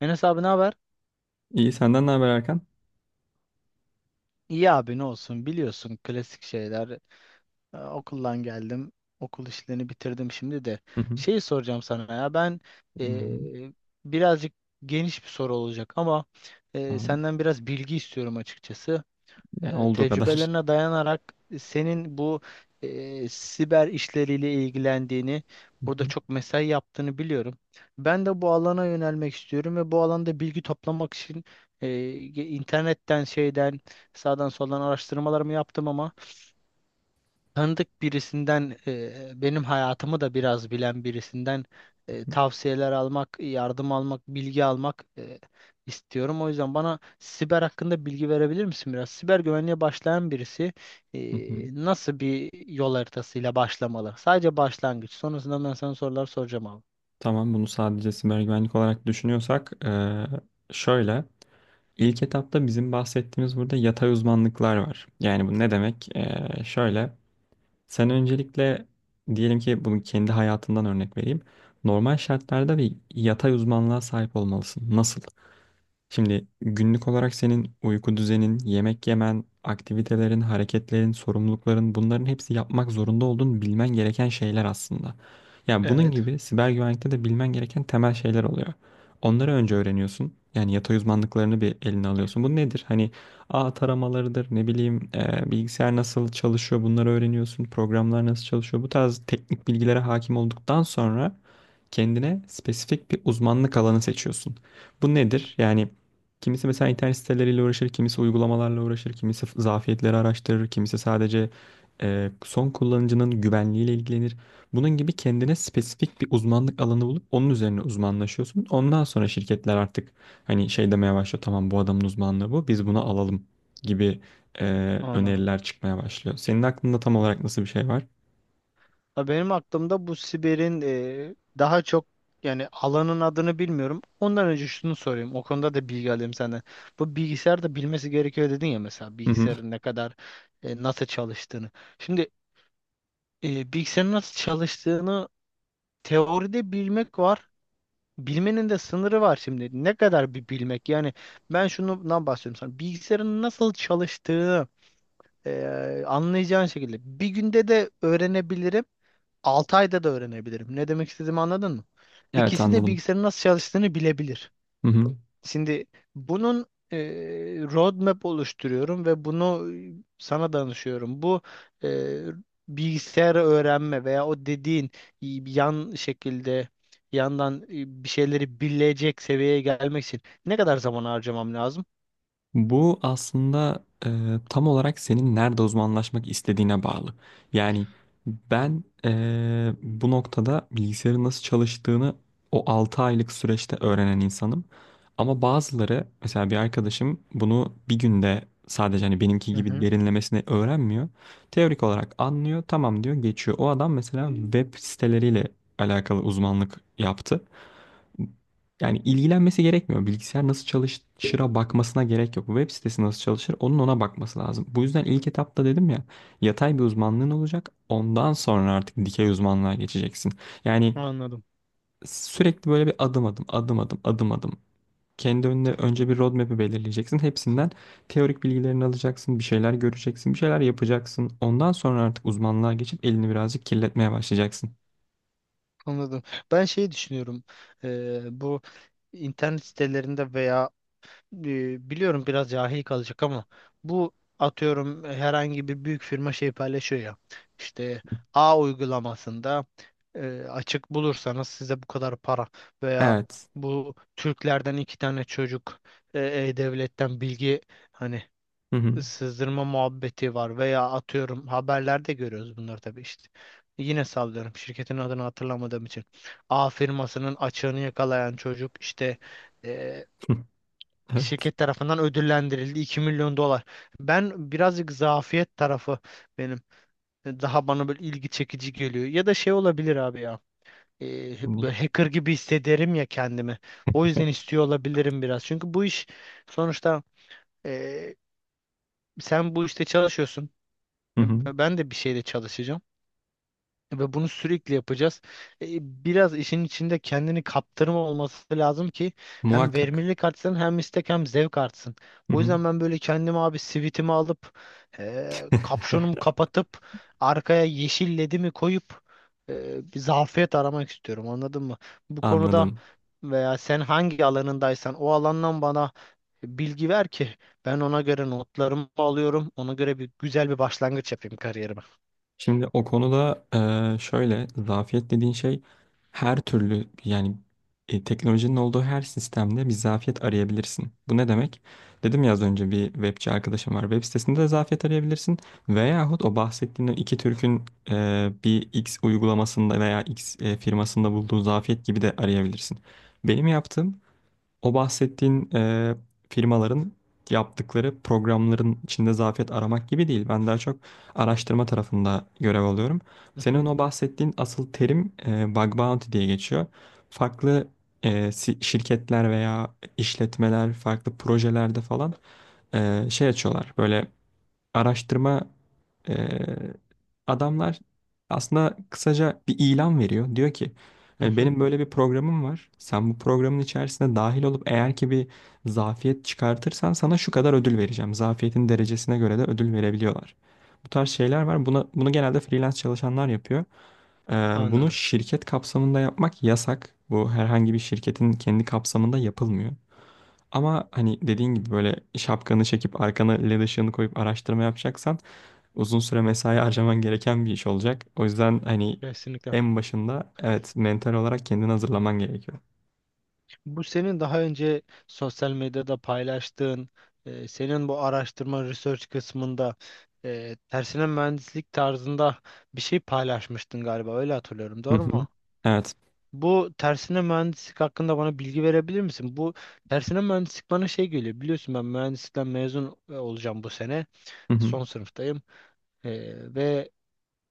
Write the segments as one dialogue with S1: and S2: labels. S1: Enes abi, ne haber?
S2: İyi senden ne haber Erkan?
S1: İyi abi, ne olsun, biliyorsun klasik şeyler. Okuldan geldim. Okul işlerini bitirdim şimdi de.
S2: Hı hı.
S1: Şeyi soracağım sana ya ben,
S2: Dinliyorum.
S1: ee, birazcık geniş bir soru olacak ama
S2: Tamam.
S1: senden biraz bilgi istiyorum açıkçası.
S2: Ya, olduğu kadar.
S1: Tecrübelerine dayanarak senin bu siber işleriyle ilgilendiğini,
S2: Hı
S1: burada
S2: hı.
S1: çok mesai yaptığını biliyorum. Ben de bu alana yönelmek istiyorum ve bu alanda bilgi toplamak için e, internetten şeyden sağdan soldan araştırmalarımı yaptım ama tanıdık birisinden, benim hayatımı da biraz bilen birisinden tavsiyeler almak, yardım almak, bilgi almak istiyorum. O yüzden bana siber hakkında bilgi verebilir misin biraz? Siber güvenliğe başlayan birisi
S2: Hı hı.
S1: nasıl bir yol haritasıyla başlamalı? Sadece başlangıç. Sonrasında ben sana sorular soracağım abi.
S2: Tamam, bunu sadece siber güvenlik olarak düşünüyorsak şöyle, ilk etapta bizim bahsettiğimiz burada yatay uzmanlıklar var. Yani bu ne demek? Şöyle sen öncelikle diyelim ki bunu kendi hayatından örnek vereyim. Normal şartlarda bir yatay uzmanlığa sahip olmalısın. Nasıl? Şimdi günlük olarak senin uyku düzenin, yemek yemen, aktivitelerin, hareketlerin, sorumlulukların, bunların hepsi yapmak zorunda olduğun, bilmen gereken şeyler aslında. Yani bunun
S1: Evet,
S2: gibi siber güvenlikte de bilmen gereken temel şeyler oluyor. Onları önce öğreniyorsun. Yani yatay uzmanlıklarını bir eline alıyorsun. Bu nedir? Hani ağ taramalarıdır, ne bileyim bilgisayar nasıl çalışıyor, bunları öğreniyorsun. Programlar nasıl çalışıyor. Bu tarz teknik bilgilere hakim olduktan sonra kendine spesifik bir uzmanlık alanı seçiyorsun. Bu nedir? Yani kimisi mesela internet siteleriyle uğraşır, kimisi uygulamalarla uğraşır, kimisi zafiyetleri araştırır, kimisi sadece son kullanıcının güvenliğiyle ilgilenir. Bunun gibi kendine spesifik bir uzmanlık alanı bulup onun üzerine uzmanlaşıyorsun. Ondan sonra şirketler artık hani şey demeye başlıyor, tamam bu adamın uzmanlığı bu, biz bunu alalım gibi e,
S1: anladım.
S2: öneriler çıkmaya başlıyor. Senin aklında tam olarak nasıl bir şey var?
S1: Ha, benim aklımda bu Siber'in daha çok, yani alanın adını bilmiyorum. Ondan önce şunu sorayım. O konuda da bilgi alayım senden. Bu bilgisayar da bilmesi gerekiyor dedin ya, mesela
S2: Hı hı.
S1: bilgisayarın ne kadar, nasıl çalıştığını. Şimdi bilgisayarın nasıl çalıştığını teoride bilmek var. Bilmenin de sınırı var şimdi. Ne kadar bir bilmek? Yani ben şundan bahsediyorum sana. Bilgisayarın nasıl çalıştığını anlayacağın şekilde bir günde de öğrenebilirim. 6 ayda da öğrenebilirim. Ne demek istediğimi anladın mı?
S2: Evet,
S1: İkisi de
S2: anladım.
S1: bilgisayarın nasıl çalıştığını bilebilir.
S2: Hı hı.
S1: Şimdi bunun roadmap oluşturuyorum ve bunu sana danışıyorum. Bu e, bilgisayarı öğrenme veya o dediğin yan şekilde, yandan bir şeyleri bilecek seviyeye gelmek için ne kadar zaman harcamam lazım?
S2: Bu aslında tam olarak senin nerede uzmanlaşmak istediğine bağlı. Yani ben bu noktada bilgisayarın nasıl çalıştığını o 6 aylık süreçte öğrenen insanım. Ama bazıları, mesela bir arkadaşım, bunu bir günde sadece hani benimki
S1: Hı
S2: gibi
S1: hı.
S2: derinlemesine öğrenmiyor. Teorik olarak anlıyor, tamam diyor, geçiyor. O adam mesela web siteleriyle alakalı uzmanlık yaptı. Yani ilgilenmesi gerekmiyor. Bilgisayar nasıl çalışır'a bakmasına gerek yok. Web sitesi nasıl çalışır, onun ona bakması lazım. Bu yüzden ilk etapta dedim ya, yatay bir uzmanlığın olacak. Ondan sonra artık dikey uzmanlığa geçeceksin. Yani
S1: Anladım.
S2: sürekli böyle bir adım adım adım adım adım adım. Kendi önüne önce bir roadmap'i belirleyeceksin. Hepsinden teorik bilgilerini alacaksın. Bir şeyler göreceksin. Bir şeyler yapacaksın. Ondan sonra artık uzmanlığa geçip elini birazcık kirletmeye başlayacaksın.
S1: Anladım. Ben şey düşünüyorum. Bu internet sitelerinde veya, biliyorum biraz cahil kalacak ama, bu atıyorum herhangi bir büyük firma şey paylaşıyor ya, işte A uygulamasında açık bulursanız size bu kadar para veya
S2: Evet.
S1: bu Türklerden iki tane çocuk e, e-devletten bilgi, hani
S2: Hı hı.
S1: sızdırma muhabbeti var veya atıyorum haberlerde görüyoruz bunları tabii işte. Yine sallıyorum şirketin adını hatırlamadığım için. A firmasının açığını yakalayan çocuk işte
S2: Evet.
S1: şirket tarafından ödüllendirildi 2 milyon dolar. Ben birazcık zafiyet tarafı, benim daha bana böyle ilgi çekici geliyor. Ya da şey olabilir abi ya.
S2: Hı
S1: Böyle hacker gibi hissederim ya kendimi. O yüzden istiyor olabilirim biraz. Çünkü bu iş sonuçta, e, sen bu işte çalışıyorsun.
S2: hı.
S1: E, ben de bir şeyde çalışacağım. Ve bunu sürekli yapacağız. E, Biraz işin içinde kendini kaptırma olması lazım ki hem
S2: Muhakkak.
S1: verimlilik artsın, hem istek, hem zevk artsın.
S2: Hı
S1: O
S2: hı.
S1: yüzden ben böyle kendimi abi sivitimi alıp kapşonumu kapatıp arkaya yeşil ledimi koyup bir zafiyet aramak istiyorum, anladın mı? Bu konuda
S2: Anladım.
S1: veya sen hangi alanındaysan o alandan bana bilgi ver ki ben ona göre notlarımı alıyorum. Ona göre bir güzel bir başlangıç yapayım kariyerime.
S2: Şimdi o konuda şöyle, zafiyet dediğin şey her türlü. Yani teknolojinin olduğu her sistemde bir zafiyet arayabilirsin. Bu ne demek? Dedim ya az önce, bir webçi arkadaşım var. Web sitesinde de zafiyet arayabilirsin. Veyahut o bahsettiğin o iki Türk'ün bir X uygulamasında veya X firmasında bulduğu zafiyet gibi de arayabilirsin. Benim yaptığım, o bahsettiğin firmaların yaptıkları programların içinde zafiyet aramak gibi değil. Ben daha çok araştırma tarafında görev alıyorum.
S1: Hı hı,
S2: Senin o bahsettiğin asıl terim bug bounty diye geçiyor. Farklı şirketler veya işletmeler farklı projelerde falan şey açıyorlar. Böyle araştırma eee, adamlar aslında kısaca bir ilan veriyor. Diyor ki
S1: hı
S2: hani,
S1: hı,
S2: benim böyle bir programım var. Sen bu programın içerisine dahil olup eğer ki bir zafiyet çıkartırsan sana şu kadar ödül vereceğim. Zafiyetin derecesine göre de ödül verebiliyorlar. Bu tarz şeyler var. Buna, bunu genelde freelance çalışanlar yapıyor. Bunu
S1: anladım.
S2: şirket kapsamında yapmak yasak. Bu herhangi bir şirketin kendi kapsamında yapılmıyor. Ama hani dediğin gibi böyle şapkanı çekip arkana led ışığını koyup araştırma yapacaksan, uzun süre mesai harcaman gereken bir iş olacak. O yüzden hani
S1: Kesinlikle.
S2: en başında, evet, mental olarak kendini hazırlaman gerekiyor.
S1: Bu senin daha önce sosyal medyada paylaştığın, senin bu araştırma research kısmında tersine mühendislik tarzında bir şey paylaşmıştın galiba. Öyle hatırlıyorum.
S2: Hı
S1: Doğru
S2: hı.
S1: mu?
S2: Evet.
S1: Bu tersine mühendislik hakkında bana bilgi verebilir misin? Bu tersine mühendislik bana şey geliyor. Biliyorsun ben mühendislikten mezun olacağım bu sene.
S2: Hı hı.
S1: Son sınıftayım. E, ve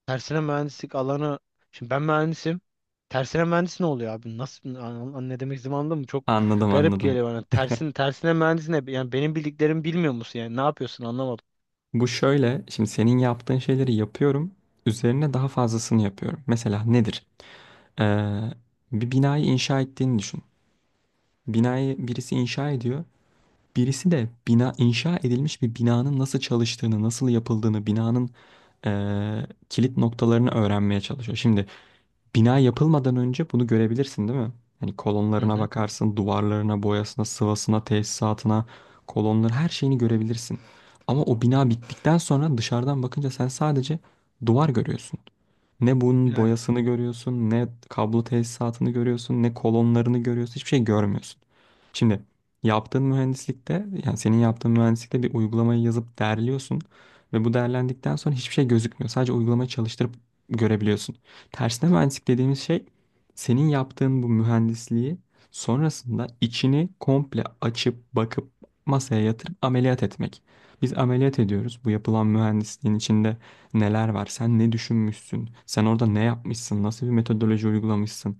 S1: tersine mühendislik alanı. Şimdi ben mühendisim. Tersine mühendis ne oluyor abi? Nasıl ne demek istediğimi anladın mı? Çok
S2: Anladım,
S1: garip
S2: anladım.
S1: geliyor bana. Tersine mühendis ne? Yani benim bildiklerimi bilmiyor musun yani? Ne yapıyorsun, anlamadım.
S2: Bu şöyle, şimdi senin yaptığın şeyleri yapıyorum. Üzerine daha fazlasını yapıyorum. Mesela nedir? Ee, bir binayı inşa ettiğini düşün. Binayı birisi inşa ediyor. Birisi de bina inşa edilmiş bir binanın nasıl çalıştığını, nasıl yapıldığını, binanın kilit noktalarını öğrenmeye çalışıyor. Şimdi bina yapılmadan önce bunu görebilirsin, değil mi? Hani
S1: Hı
S2: kolonlarına
S1: hı.
S2: bakarsın, duvarlarına, boyasına, sıvasına, tesisatına, kolonların her şeyini görebilirsin. Ama o bina bittikten sonra dışarıdan bakınca sen sadece duvar görüyorsun. Ne bunun
S1: Yani
S2: boyasını görüyorsun, ne kablo tesisatını görüyorsun, ne kolonlarını görüyorsun. Hiçbir şey görmüyorsun. Şimdi yaptığın mühendislikte, yani senin yaptığın mühendislikte, bir uygulamayı yazıp derliyorsun ve bu derlendikten sonra hiçbir şey gözükmüyor. Sadece uygulamayı çalıştırıp görebiliyorsun. Tersine mühendislik dediğimiz şey, senin yaptığın bu mühendisliği sonrasında içini komple açıp bakıp masaya yatırıp ameliyat etmek. Biz ameliyat ediyoruz: bu yapılan mühendisliğin içinde neler var, sen ne düşünmüşsün, sen orada ne yapmışsın, nasıl bir metodoloji uygulamışsın,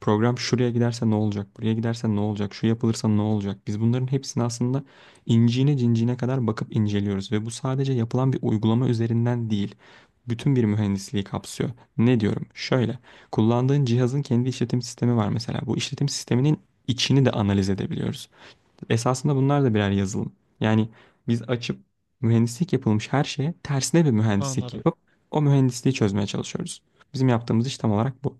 S2: program şuraya giderse ne olacak, buraya giderse ne olacak, şu yapılırsa ne olacak. Biz bunların hepsini aslında inciğine cinciğine kadar bakıp inceliyoruz, ve bu sadece yapılan bir uygulama üzerinden değil. Bütün bir mühendisliği kapsıyor. Ne diyorum? Şöyle, kullandığın cihazın kendi işletim sistemi var mesela. Bu işletim sisteminin içini de analiz edebiliyoruz. Esasında bunlar da birer yazılım. Yani biz açıp mühendislik yapılmış her şeye tersine bir mühendislik
S1: anladım.
S2: yapıp o mühendisliği çözmeye çalışıyoruz. Bizim yaptığımız iş tam olarak bu.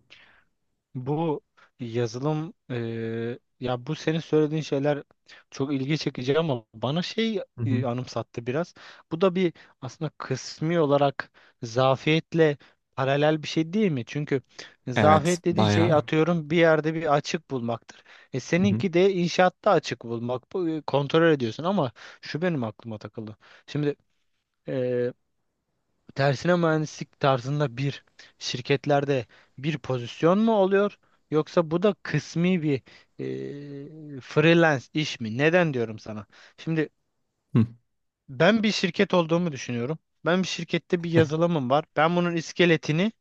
S1: Bu yazılım, ya bu senin söylediğin şeyler çok ilgi çekici ama bana şey
S2: Hı hı.
S1: anımsattı biraz. Bu da bir, aslında kısmi olarak zafiyetle paralel bir şey değil mi? Çünkü
S2: Evet,
S1: zafiyet dediğin şey
S2: bayağı.
S1: atıyorum bir yerde bir açık bulmaktır. E
S2: Hı hı.
S1: seninki de inşaatta açık bulmak. Bu, kontrol ediyorsun ama şu benim aklıma takıldı. Şimdi tersine mühendislik tarzında bir, şirketlerde bir pozisyon mu oluyor, yoksa bu da kısmi bir freelance iş mi? Neden diyorum sana? Şimdi
S2: Hı.
S1: ben bir şirket olduğumu düşünüyorum. Ben bir şirkette bir yazılımım var. Ben bunun iskeletini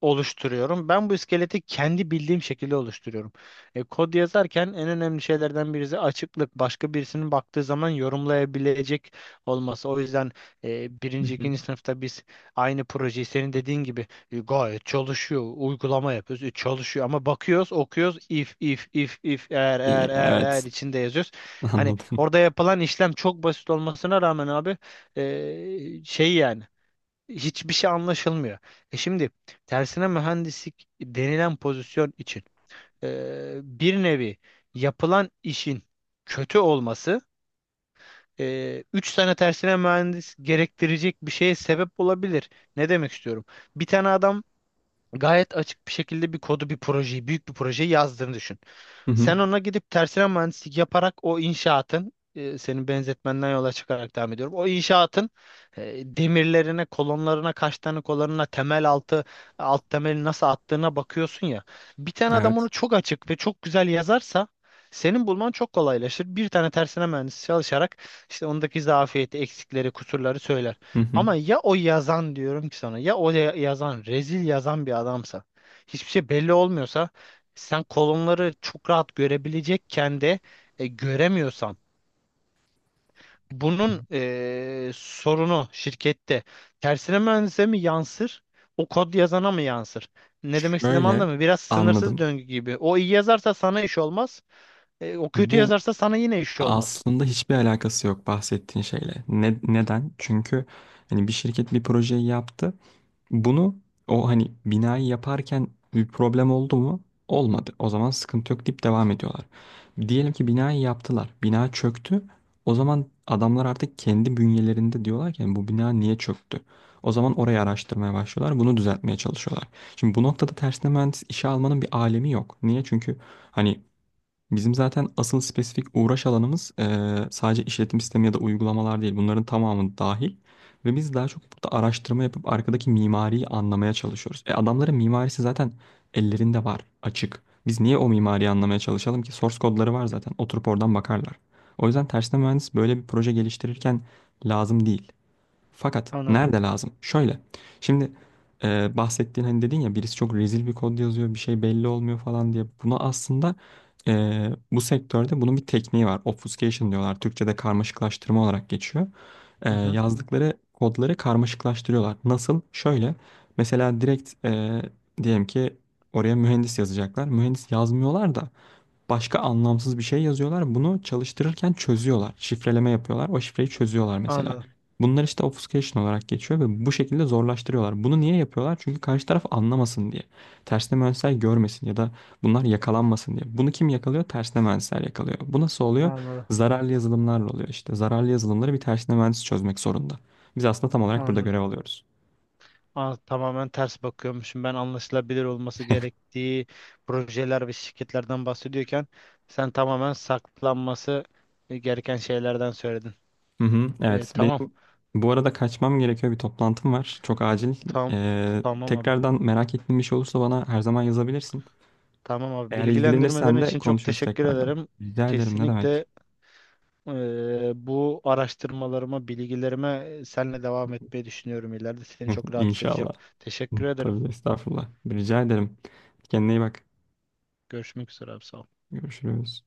S1: oluşturuyorum. Ben bu iskeleti kendi bildiğim şekilde oluşturuyorum. E, kod yazarken en önemli şeylerden birisi açıklık. Başka birisinin baktığı zaman yorumlayabilecek olması. O yüzden
S2: Hı
S1: birinci,
S2: hı.
S1: ikinci sınıfta biz aynı projeyi senin dediğin gibi, gayet çalışıyor, uygulama yapıyoruz, çalışıyor ama bakıyoruz, okuyoruz, if, if, if, if, eğer,
S2: İyi,
S1: eğer, eğer, eğer
S2: evet,
S1: içinde yazıyoruz. Hani
S2: anladım.
S1: orada yapılan işlem çok basit olmasına rağmen abi, şey yani hiçbir şey anlaşılmıyor. E şimdi tersine mühendislik denilen pozisyon için bir nevi yapılan işin kötü olması üç tane tersine mühendis gerektirecek bir şeye sebep olabilir. Ne demek istiyorum? Bir tane adam gayet açık bir şekilde bir kodu, bir projeyi, büyük bir projeyi yazdığını düşün.
S2: Hı hı.
S1: Sen ona gidip tersine mühendislik yaparak o inşaatın, senin benzetmenden yola çıkarak devam ediyorum. O inşaatın demirlerine, kolonlarına, kaç tane kolonuna, temel altı, alt temeli nasıl attığına bakıyorsun ya. Bir tane adam onu
S2: Evet.
S1: çok açık ve çok güzel yazarsa senin bulman çok kolaylaşır. Bir tane tersine mühendis çalışarak işte ondaki zafiyeti, eksikleri, kusurları söyler.
S2: Hı hı.
S1: Ama ya o yazan, diyorum ki sana, ya yazan rezil yazan bir adamsa, hiçbir şey belli olmuyorsa, sen kolonları çok rahat görebilecekken de göremiyorsan bunun sorunu şirkette tersine mühendise mi yansır, o kod yazana mı yansır? Ne demek istediğimi
S2: Şöyle,
S1: anladın mı? Biraz sınırsız
S2: anladım.
S1: döngü gibi. O iyi yazarsa sana iş olmaz. O kötü
S2: Bu
S1: yazarsa sana yine iş olmaz.
S2: aslında hiçbir alakası yok bahsettiğin şeyle. Ne, neden? Çünkü hani bir şirket bir projeyi yaptı. Bunu, o hani binayı yaparken, bir problem oldu mu? Olmadı. O zaman sıkıntı yok deyip devam ediyorlar. Diyelim ki binayı yaptılar. Bina çöktü. O zaman adamlar artık kendi bünyelerinde diyorlar ki, "Yani bu bina niye çöktü?" O zaman orayı araştırmaya başlıyorlar. Bunu düzeltmeye çalışıyorlar. Şimdi bu noktada tersine mühendis işe almanın bir alemi yok. Niye? Çünkü hani bizim zaten asıl spesifik uğraş alanımız sadece işletim sistemi ya da uygulamalar değil. Bunların tamamı dahil. Ve biz daha çok burada araştırma yapıp arkadaki mimariyi anlamaya çalışıyoruz. E, adamların mimarisi zaten ellerinde var, açık. Biz niye o mimariyi anlamaya çalışalım ki? Source kodları var zaten. Oturup oradan bakarlar. O yüzden tersine mühendis böyle bir proje geliştirirken lazım değil. Fakat
S1: Anladım.
S2: nerede lazım? Şöyle. Şimdi bahsettiğin, hani dedin ya birisi çok rezil bir kod yazıyor, bir şey belli olmuyor falan diye. Buna aslında bu sektörde bunun bir tekniği var. Obfuscation diyorlar. Türkçe'de karmaşıklaştırma olarak geçiyor. E,
S1: Hı hı.
S2: yazdıkları kodları karmaşıklaştırıyorlar. Nasıl? Şöyle. Mesela direkt diyelim ki oraya mühendis yazacaklar. Mühendis yazmıyorlar da başka anlamsız bir şey yazıyorlar. Bunu çalıştırırken çözüyorlar. Şifreleme yapıyorlar. O şifreyi çözüyorlar mesela.
S1: Anladım.
S2: Bunlar işte obfuscation olarak geçiyor ve bu şekilde zorlaştırıyorlar. Bunu niye yapıyorlar? Çünkü karşı taraf anlamasın diye. Tersine mühendisler görmesin ya da bunlar yakalanmasın diye. Bunu kim yakalıyor? Tersine mühendisler yakalıyor. Bu nasıl oluyor?
S1: Anladım.
S2: Zararlı yazılımlarla oluyor işte. Zararlı yazılımları bir tersine mühendis çözmek zorunda. Biz aslında tam olarak burada
S1: Anladım.
S2: görev alıyoruz.
S1: Aa, tamamen ters bakıyormuşum. Ben anlaşılabilir olması gerektiği projeler ve şirketlerden bahsediyorken sen tamamen saklanması gereken şeylerden söyledin.
S2: Hı hı,
S1: E,
S2: evet.
S1: tamam,
S2: Benim bu arada kaçmam gerekiyor. Bir toplantım var. Çok acil.
S1: tamam,
S2: Ee,
S1: tamam abi.
S2: tekrardan merak ettiğin bir şey olursa bana her zaman yazabilirsin.
S1: Tamam abi.
S2: Eğer
S1: Bilgilendirmelerin
S2: ilgilenirsen de
S1: için çok
S2: konuşuruz
S1: teşekkür
S2: tekrardan.
S1: ederim.
S2: Rica ederim. Ne demek?
S1: Kesinlikle bu araştırmalarıma, bilgilerime senle devam etmeyi düşünüyorum ileride. Seni çok rahatsız edeceğim.
S2: İnşallah.
S1: Teşekkür ederim.
S2: Tabii estağfurullah. Rica ederim. Kendine iyi bak.
S1: Görüşmek üzere abi. Sağ ol.
S2: Görüşürüz.